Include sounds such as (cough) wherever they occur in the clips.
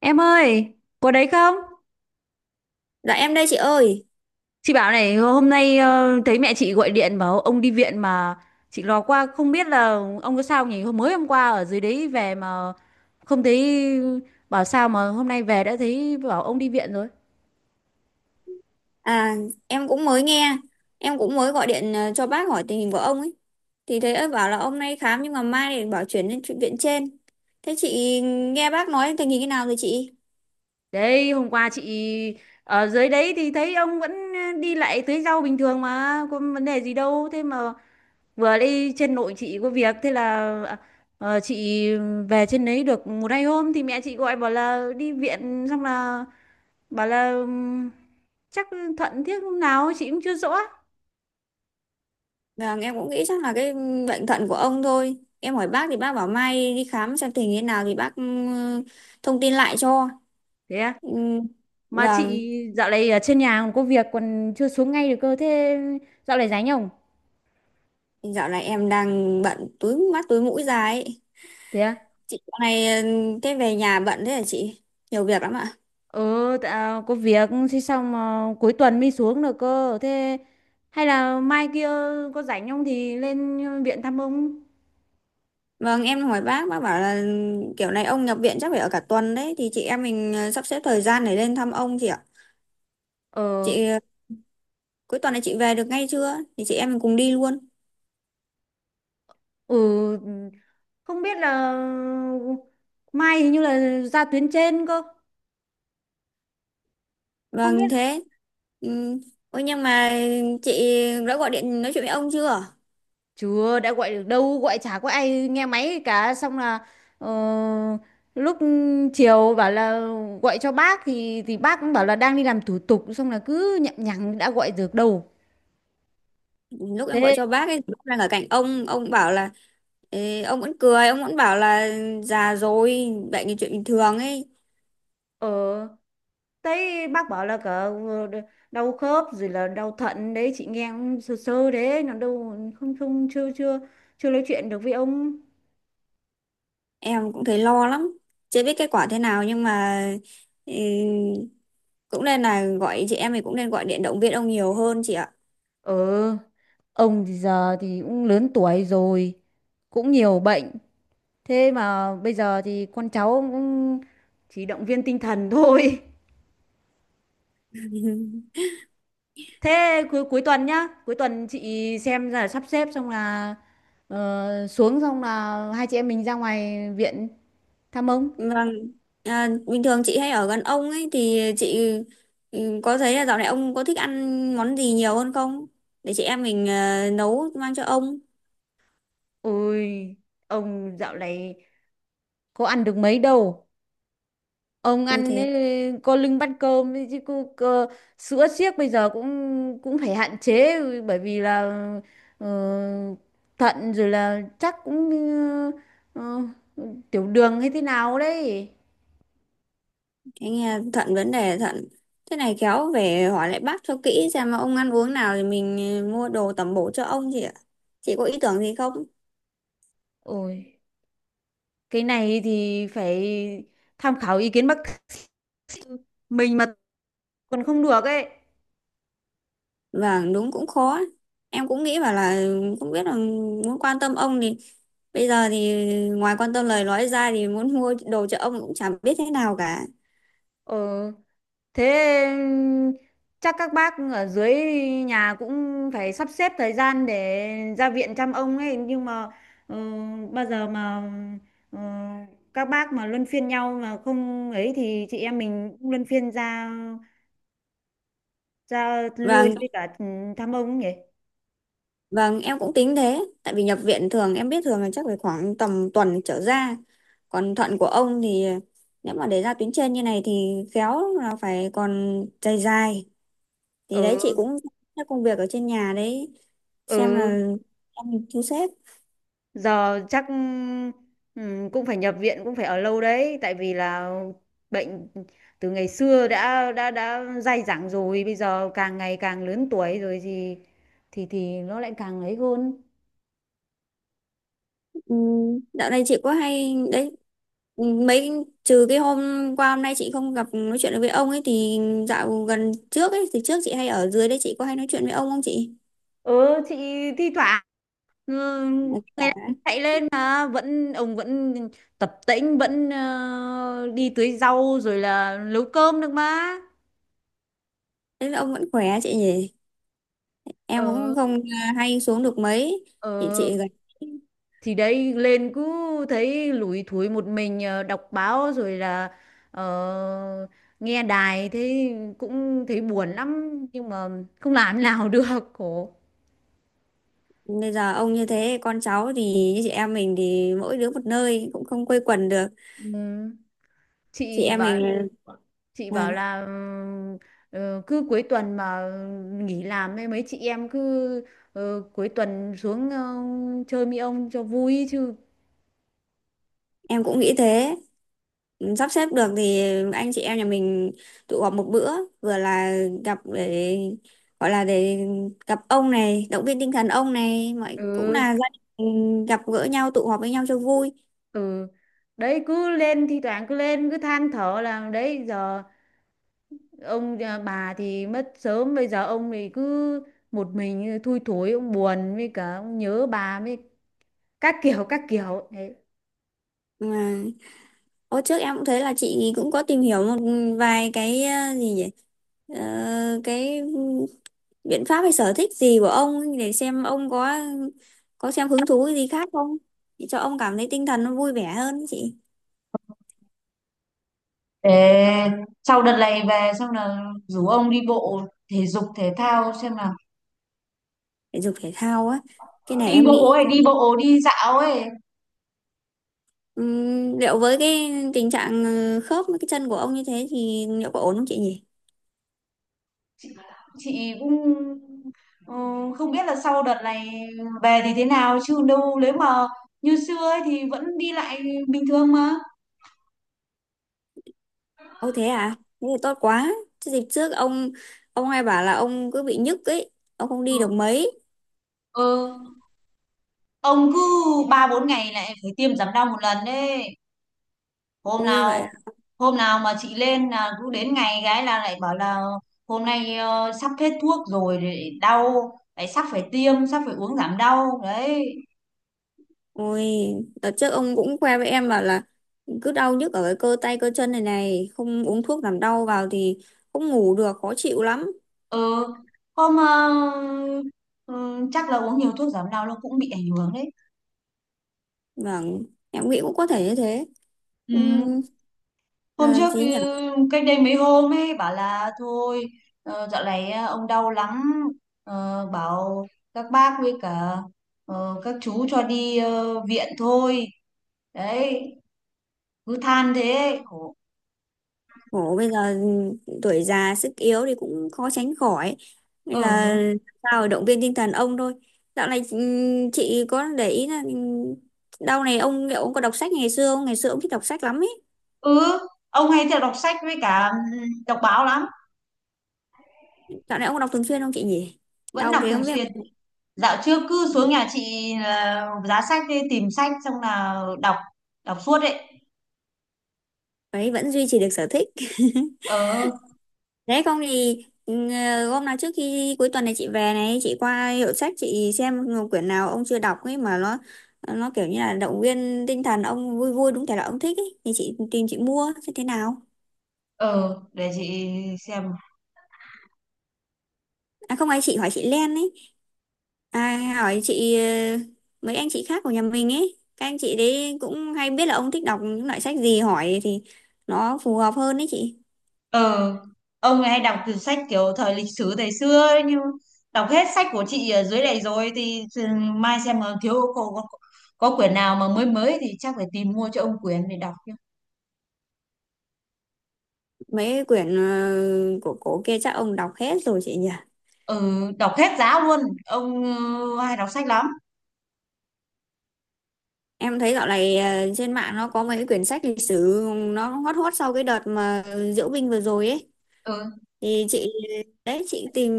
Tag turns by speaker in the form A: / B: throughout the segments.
A: Em ơi, có đấy không?
B: Dạ em đây chị ơi.
A: Chị bảo này, hôm nay thấy mẹ chị gọi điện bảo ông đi viện mà chị lò qua không biết là ông có sao nhỉ? Mới hôm qua ở dưới đấy về mà không thấy, bảo sao mà hôm nay về đã thấy bảo ông đi viện rồi.
B: À, em cũng mới nghe, em cũng mới gọi điện cho bác hỏi tình hình của ông ấy. Thì thấy ông bảo là ông nay khám nhưng mà mai để bảo chuyển lên viện trên. Thế chị nghe bác nói tình hình thế nào rồi chị?
A: Đấy, hôm qua chị ở dưới đấy thì thấy ông vẫn đi lại tưới rau bình thường mà, có vấn đề gì đâu. Thế mà vừa đi trên nội chị có việc, thế là chị về trên đấy được một hai hôm thì mẹ chị gọi bảo là đi viện, xong là bảo là chắc Thuận thiết lúc nào chị cũng chưa rõ.
B: Vâng, em cũng nghĩ chắc là cái bệnh thận của ông thôi. Em hỏi bác thì bác bảo mai đi khám xem tình hình thế nào thì bác thông tin lại cho.
A: Thế à?
B: Ừ,
A: Mà chị
B: vâng,
A: dạo này ở trên nhà còn có việc, còn chưa xuống ngay được cơ, thế dạo này rảnh không?
B: dạo này em đang bận túi mắt túi mũi ra ấy.
A: Thế à?
B: Chị dạo này thế về nhà bận thế hả chị? Nhiều việc lắm ạ.
A: Ừ tạ, có việc thế xong mà cuối tuần mới xuống được cơ, thế hay là mai kia có rảnh không thì lên viện thăm ông.
B: Vâng, em hỏi bác bảo là kiểu này ông nhập viện chắc phải ở cả tuần đấy, thì chị em mình sắp xếp thời gian để lên thăm ông chị ạ.
A: Ờ.
B: Chị cuối tuần này chị về được ngay chưa? Thì chị em mình cùng đi luôn.
A: Ừ, không biết là mai hình như là ra tuyến trên cơ, không
B: Vâng,
A: biết.
B: thế. Ừ. Ôi nhưng mà chị đã gọi điện nói chuyện với ông chưa?
A: Chưa, đã gọi được đâu, gọi chả có ai nghe máy cả. Xong là ờ, lúc chiều bảo là gọi cho bác thì bác cũng bảo là đang đi làm thủ tục. Xong là cứ nhậm nhằng đã gọi được đâu.
B: Lúc em gọi
A: Thế,
B: cho bác ấy, lúc đang ở cạnh ông bảo là ê, ông vẫn cười, ông vẫn bảo là già rồi, bệnh là chuyện bình thường ấy.
A: ờ, thấy bác bảo là cả đau khớp rồi là đau thận đấy. Chị nghe cũng sơ sơ đấy, nó đâu không không chưa chưa chưa nói chuyện được với ông.
B: Em cũng thấy lo lắm. Chưa biết kết quả thế nào nhưng mà ừ, cũng nên là gọi chị em thì cũng nên gọi điện động viên ông nhiều hơn chị ạ.
A: Ờ, ông thì giờ thì cũng lớn tuổi rồi, cũng nhiều bệnh. Thế mà bây giờ thì con cháu cũng chỉ động viên tinh thần thôi. (laughs) Thế cuối cuối tuần nhá, cuối tuần chị xem là sắp xếp xong là xuống xong là hai chị em mình ra ngoài viện thăm ông.
B: Vâng. À, bình thường chị hay ở gần ông ấy thì chị có thấy là dạo này ông có thích ăn món gì nhiều hơn không, để chị em mình nấu mang cho ông.
A: Ôi, ông dạo này có ăn được mấy đâu. Ông
B: Ôi
A: ăn
B: thế,
A: ấy, có lưng bắt cơm ấy chứ cô, sữa siếc bây giờ cũng cũng phải hạn chế bởi vì là ờ, thận rồi là chắc cũng ờ, tiểu đường hay thế nào đấy.
B: anh nghe thận, vấn đề thận thế này khéo về hỏi lại bác cho kỹ xem mà ông ăn uống nào thì mình mua đồ tẩm bổ cho ông chị ạ. Chị có ý tưởng gì không?
A: Ôi, cái này thì phải tham khảo ý kiến bác (laughs) sĩ, mình mà còn không được ấy.
B: Vâng, đúng cũng khó. Em cũng nghĩ bảo là không biết là muốn quan tâm ông thì bây giờ thì ngoài quan tâm lời nói ra thì muốn mua đồ cho ông cũng chẳng biết thế nào cả.
A: Ờ, thế chắc các bác ở dưới nhà cũng phải sắp xếp thời gian để ra viện chăm ông ấy, nhưng mà ờ, bao giờ mà ờ, các bác mà luân phiên nhau mà không ấy thì chị em mình cũng luân phiên ra ra lui
B: Vâng,
A: với cả thăm ông ấy nhỉ.
B: vâng, em cũng tính thế. Tại vì nhập viện thường em biết thường là chắc phải khoảng tầm tuần trở ra. Còn thận của ông thì nếu mà để ra tuyến trên như này thì khéo là phải còn dài dài. Thì đấy chị
A: Ừ.
B: cũng các công việc ở trên nhà đấy xem là
A: Ừ,
B: em thu xếp.
A: giờ chắc cũng phải nhập viện, cũng phải ở lâu đấy tại vì là bệnh từ ngày xưa đã dai dẳng rồi, bây giờ càng ngày càng lớn tuổi rồi thì nó lại càng ấy hơn.
B: Ừ, dạo này chị có hay đấy mấy, trừ cái hôm qua hôm nay chị không gặp nói chuyện được với ông ấy thì dạo gần trước ấy thì trước chị hay ở dưới đấy chị có hay nói chuyện với ông không chị?
A: Ừ, chị thi thoảng, ừ,
B: Ờ,
A: ngày nào
B: khỏe.
A: chạy lên mà ông vẫn tập tễnh, vẫn đi tưới rau rồi là nấu cơm được mà.
B: Thế là ông vẫn khỏe chị nhỉ, em
A: Ờ,
B: cũng không à, hay xuống được mấy.
A: ờ,
B: Thì chị gần
A: thì đấy lên cứ thấy lủi thủi một mình, đọc báo rồi là ờ, nghe đài, thế cũng thấy buồn lắm nhưng mà không làm nào (laughs) được, khổ.
B: bây giờ ông như thế con cháu thì như chị em mình thì mỗi đứa một nơi cũng không quây quần được.
A: Ừ,
B: Chị
A: chị
B: em
A: bảo
B: mình là,
A: chị
B: là
A: bảo là cứ cuối tuần mà nghỉ làm ấy, mấy chị em cứ cuối tuần xuống chơi mi ông cho vui chứ.
B: em cũng nghĩ thế, sắp xếp được thì anh chị em nhà mình tụ họp một bữa, vừa là gặp để gọi là để gặp ông này động viên tinh thần ông này mọi cũng
A: Ừ,
B: là gia đình gặp gỡ nhau tụ họp với nhau cho vui.
A: ừ, đấy cứ lên thi thoảng cứ lên cứ than thở là đấy giờ ông à, bà thì mất sớm, bây giờ ông thì cứ một mình thui thối, ông buồn với cả ông nhớ bà với các kiểu đấy.
B: Mà hồi trước em cũng thấy là chị cũng có tìm hiểu một vài cái gì nhỉ, cái biện pháp hay sở thích gì của ông để xem ông có xem hứng thú gì khác không, để cho ông cảm thấy tinh thần nó vui vẻ hơn chị.
A: Ê, sau đợt này về xong là rủ ông đi bộ thể dục thể thao xem nào,
B: Thể dục thể thao á, cái này
A: đi
B: em
A: bộ
B: nghĩ
A: ấy, đi bộ đi dạo ấy.
B: Liệu với cái tình trạng khớp với cái chân của ông như thế thì liệu có ổn không chị nhỉ?
A: Chị cũng, ừ, không biết là sau đợt này về thì thế nào chứ đâu nếu mà như xưa ấy thì vẫn đi lại bình thường mà.
B: Ô thế à? Thế thì tốt quá. Chứ dịp trước ông hay bảo là ông cứ bị nhức ấy, ông không đi được
A: Ừ,
B: mấy.
A: ừ, ông cứ ba bốn ngày lại phải tiêm giảm đau một lần đấy. hôm
B: Ôi vậy à?
A: nào Hôm nào mà chị lên là cứ đến ngày gái là lại bảo là hôm nay sắp hết thuốc rồi, để đau lại sắp phải tiêm, sắp phải uống giảm đau đấy.
B: Ôi, đợt trước ông cũng khoe với em bảo là cứ đau nhức ở cái cơ tay cơ chân này này, không uống thuốc giảm đau vào thì không ngủ được, khó chịu lắm.
A: Ừ, hôm ờ, ừ, chắc là uống nhiều thuốc giảm đau nó cũng bị ảnh hưởng đấy.
B: Vâng, em nghĩ cũng có thể như thế.
A: Ừ,
B: Ừm,
A: hôm
B: là
A: trước ừ,
B: gì nhỉ?
A: cách đây mấy hôm ấy bảo là thôi, dạo này ông đau lắm. Ờ, bảo các bác với cả các chú cho đi viện thôi, đấy, cứ than thế. Khổ.
B: Khổ bây giờ, tuổi già sức yếu thì cũng khó tránh khỏi, bây giờ
A: Ừ,
B: sao để động viên tinh thần ông thôi. Dạo này chị có để ý là đau này ông liệu ông có đọc sách ngày xưa không, ngày xưa ông thích đọc sách lắm ấy.
A: ừ, ông hay theo đọc sách với cả, đọc báo lắm.
B: Dạo này ông có đọc thường xuyên không chị nhỉ?
A: Vẫn
B: Đau
A: đọc
B: thế
A: thường
B: không biết.
A: xuyên. Dạo trước cứ xuống
B: Ừ,
A: nhà chị là giá sách đi tìm sách xong là đọc, đọc suốt ấy.
B: đấy vẫn duy trì được sở thích.
A: Ờ,
B: Đấy không thì ừ, hôm nào trước khi cuối tuần này chị về này chị qua hiệu sách chị xem quyển nào ông chưa đọc ấy mà nó kiểu như là động viên tinh thần ông vui vui đúng thể là ông thích ấy thì chị tìm chị mua xem thế nào.
A: ờ, để chị xem.
B: À không ai, chị hỏi chị Len ấy, à hỏi chị mấy anh chị khác của nhà mình ấy các anh chị đấy cũng hay biết là ông thích đọc những loại sách gì hỏi thì nó phù hợp hơn đấy chị.
A: Ờ, ông ấy hay đọc từ sách kiểu thời lịch sử thời xưa ấy, nhưng đọc hết sách của chị ở dưới này rồi thì mai xem mà thiếu, có quyển nào mà mới mới thì chắc phải tìm mua cho ông quyển để đọc chứ.
B: Mấy quyển của cổ kia chắc ông đọc hết rồi chị nhỉ?
A: Ừ, đọc hết giá luôn. Ông hay đọc sách lắm.
B: Em thấy dạo này trên mạng nó có mấy cái quyển sách lịch sử nó hot hot sau cái đợt mà diễu binh vừa rồi ấy
A: Ừ,
B: thì chị đấy chị tìm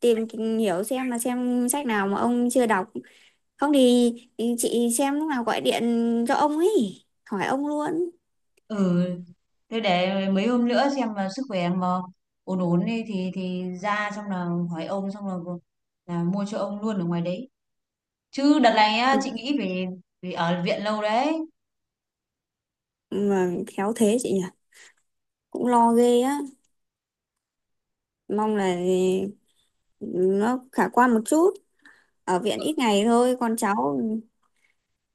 B: tìm hiểu xem là xem sách nào mà ông chưa đọc, không thì chị xem lúc nào gọi điện cho ông ấy hỏi ông luôn.
A: ừ. Thế để mấy hôm nữa xem mà sức khỏe mà ổn ổn đi thì ra xong là hỏi ông xong là mua cho ông luôn ở ngoài đấy. Chứ đợt này á, chị nghĩ về vì ở viện lâu đấy.
B: Mà khéo thế chị nhỉ, cũng lo ghê á, mong là nó khả quan một chút, ở viện
A: Ừ.
B: ít ngày thôi con cháu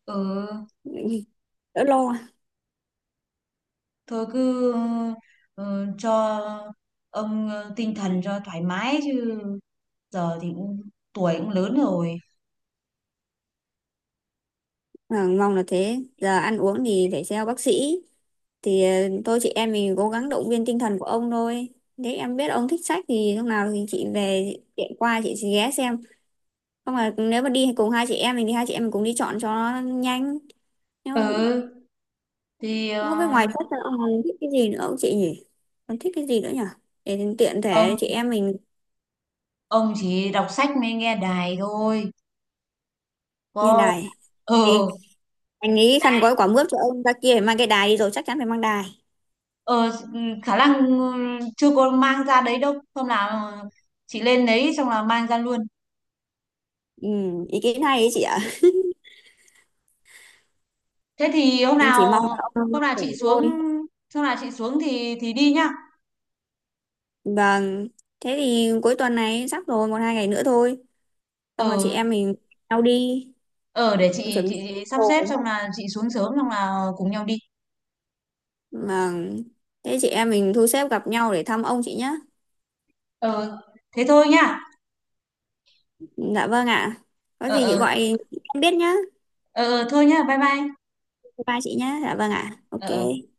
A: Ừ.
B: đỡ lo.
A: Thôi cứ cho ông tinh thần cho thoải mái chứ giờ thì cũng tuổi cũng lớn rồi.
B: À, mong là thế, giờ ăn uống thì phải theo bác sĩ thì tôi chị em mình cố gắng động viên tinh thần của ông thôi. Nếu em biết ông thích sách thì lúc nào thì chị về tiện qua chị sẽ ghé xem, không là nếu mà đi cùng hai chị em mình thì hai chị em mình cùng đi chọn cho nó nhanh.
A: Ừ,
B: nhưng
A: thì
B: nhưng không biết ngoài sách ra ông còn thích cái gì nữa không chị nhỉ, còn thích cái gì nữa nhỉ, để tiện thể
A: ông
B: chị em mình.
A: ông chỉ đọc sách mới nghe đài thôi,
B: Nghe
A: có.
B: đài
A: Ờ,
B: thì anh nghĩ khăn gói quả mướp cho ông ra kia phải mang cái đài đi rồi chắc chắn phải mang đài.
A: ờ, khả năng chưa có mang ra đấy đâu, hôm nào chị lên đấy xong là mang ra luôn.
B: Ừ, ý kiến hay đấy chị ạ,
A: Thế thì
B: em chỉ mong là ông
A: hôm nào
B: khỏe
A: chị xuống
B: thôi.
A: hôm nào chị xuống thì đi nhá.
B: Vâng. Thế thì cuối tuần này sắp rồi, một hai ngày nữa thôi.
A: Ờ,
B: Xong rồi chị em mình nhau đi,
A: ờ, để
B: mình chuẩn bị
A: chị sắp xếp
B: đồ
A: xong là chị xuống sớm xong là cùng nhau đi.
B: mà thế chị em mình thu xếp gặp nhau để thăm ông chị nhé.
A: Ờ, thế thôi nhá.
B: Dạ vâng ạ, có
A: Ờ,
B: gì chị
A: ờ.
B: gọi em biết nhá.
A: Ờ, ờ, thôi nhá, bye bye.
B: Bye chị nhá, dạ vâng ạ,
A: Ờ, ờ.
B: ok.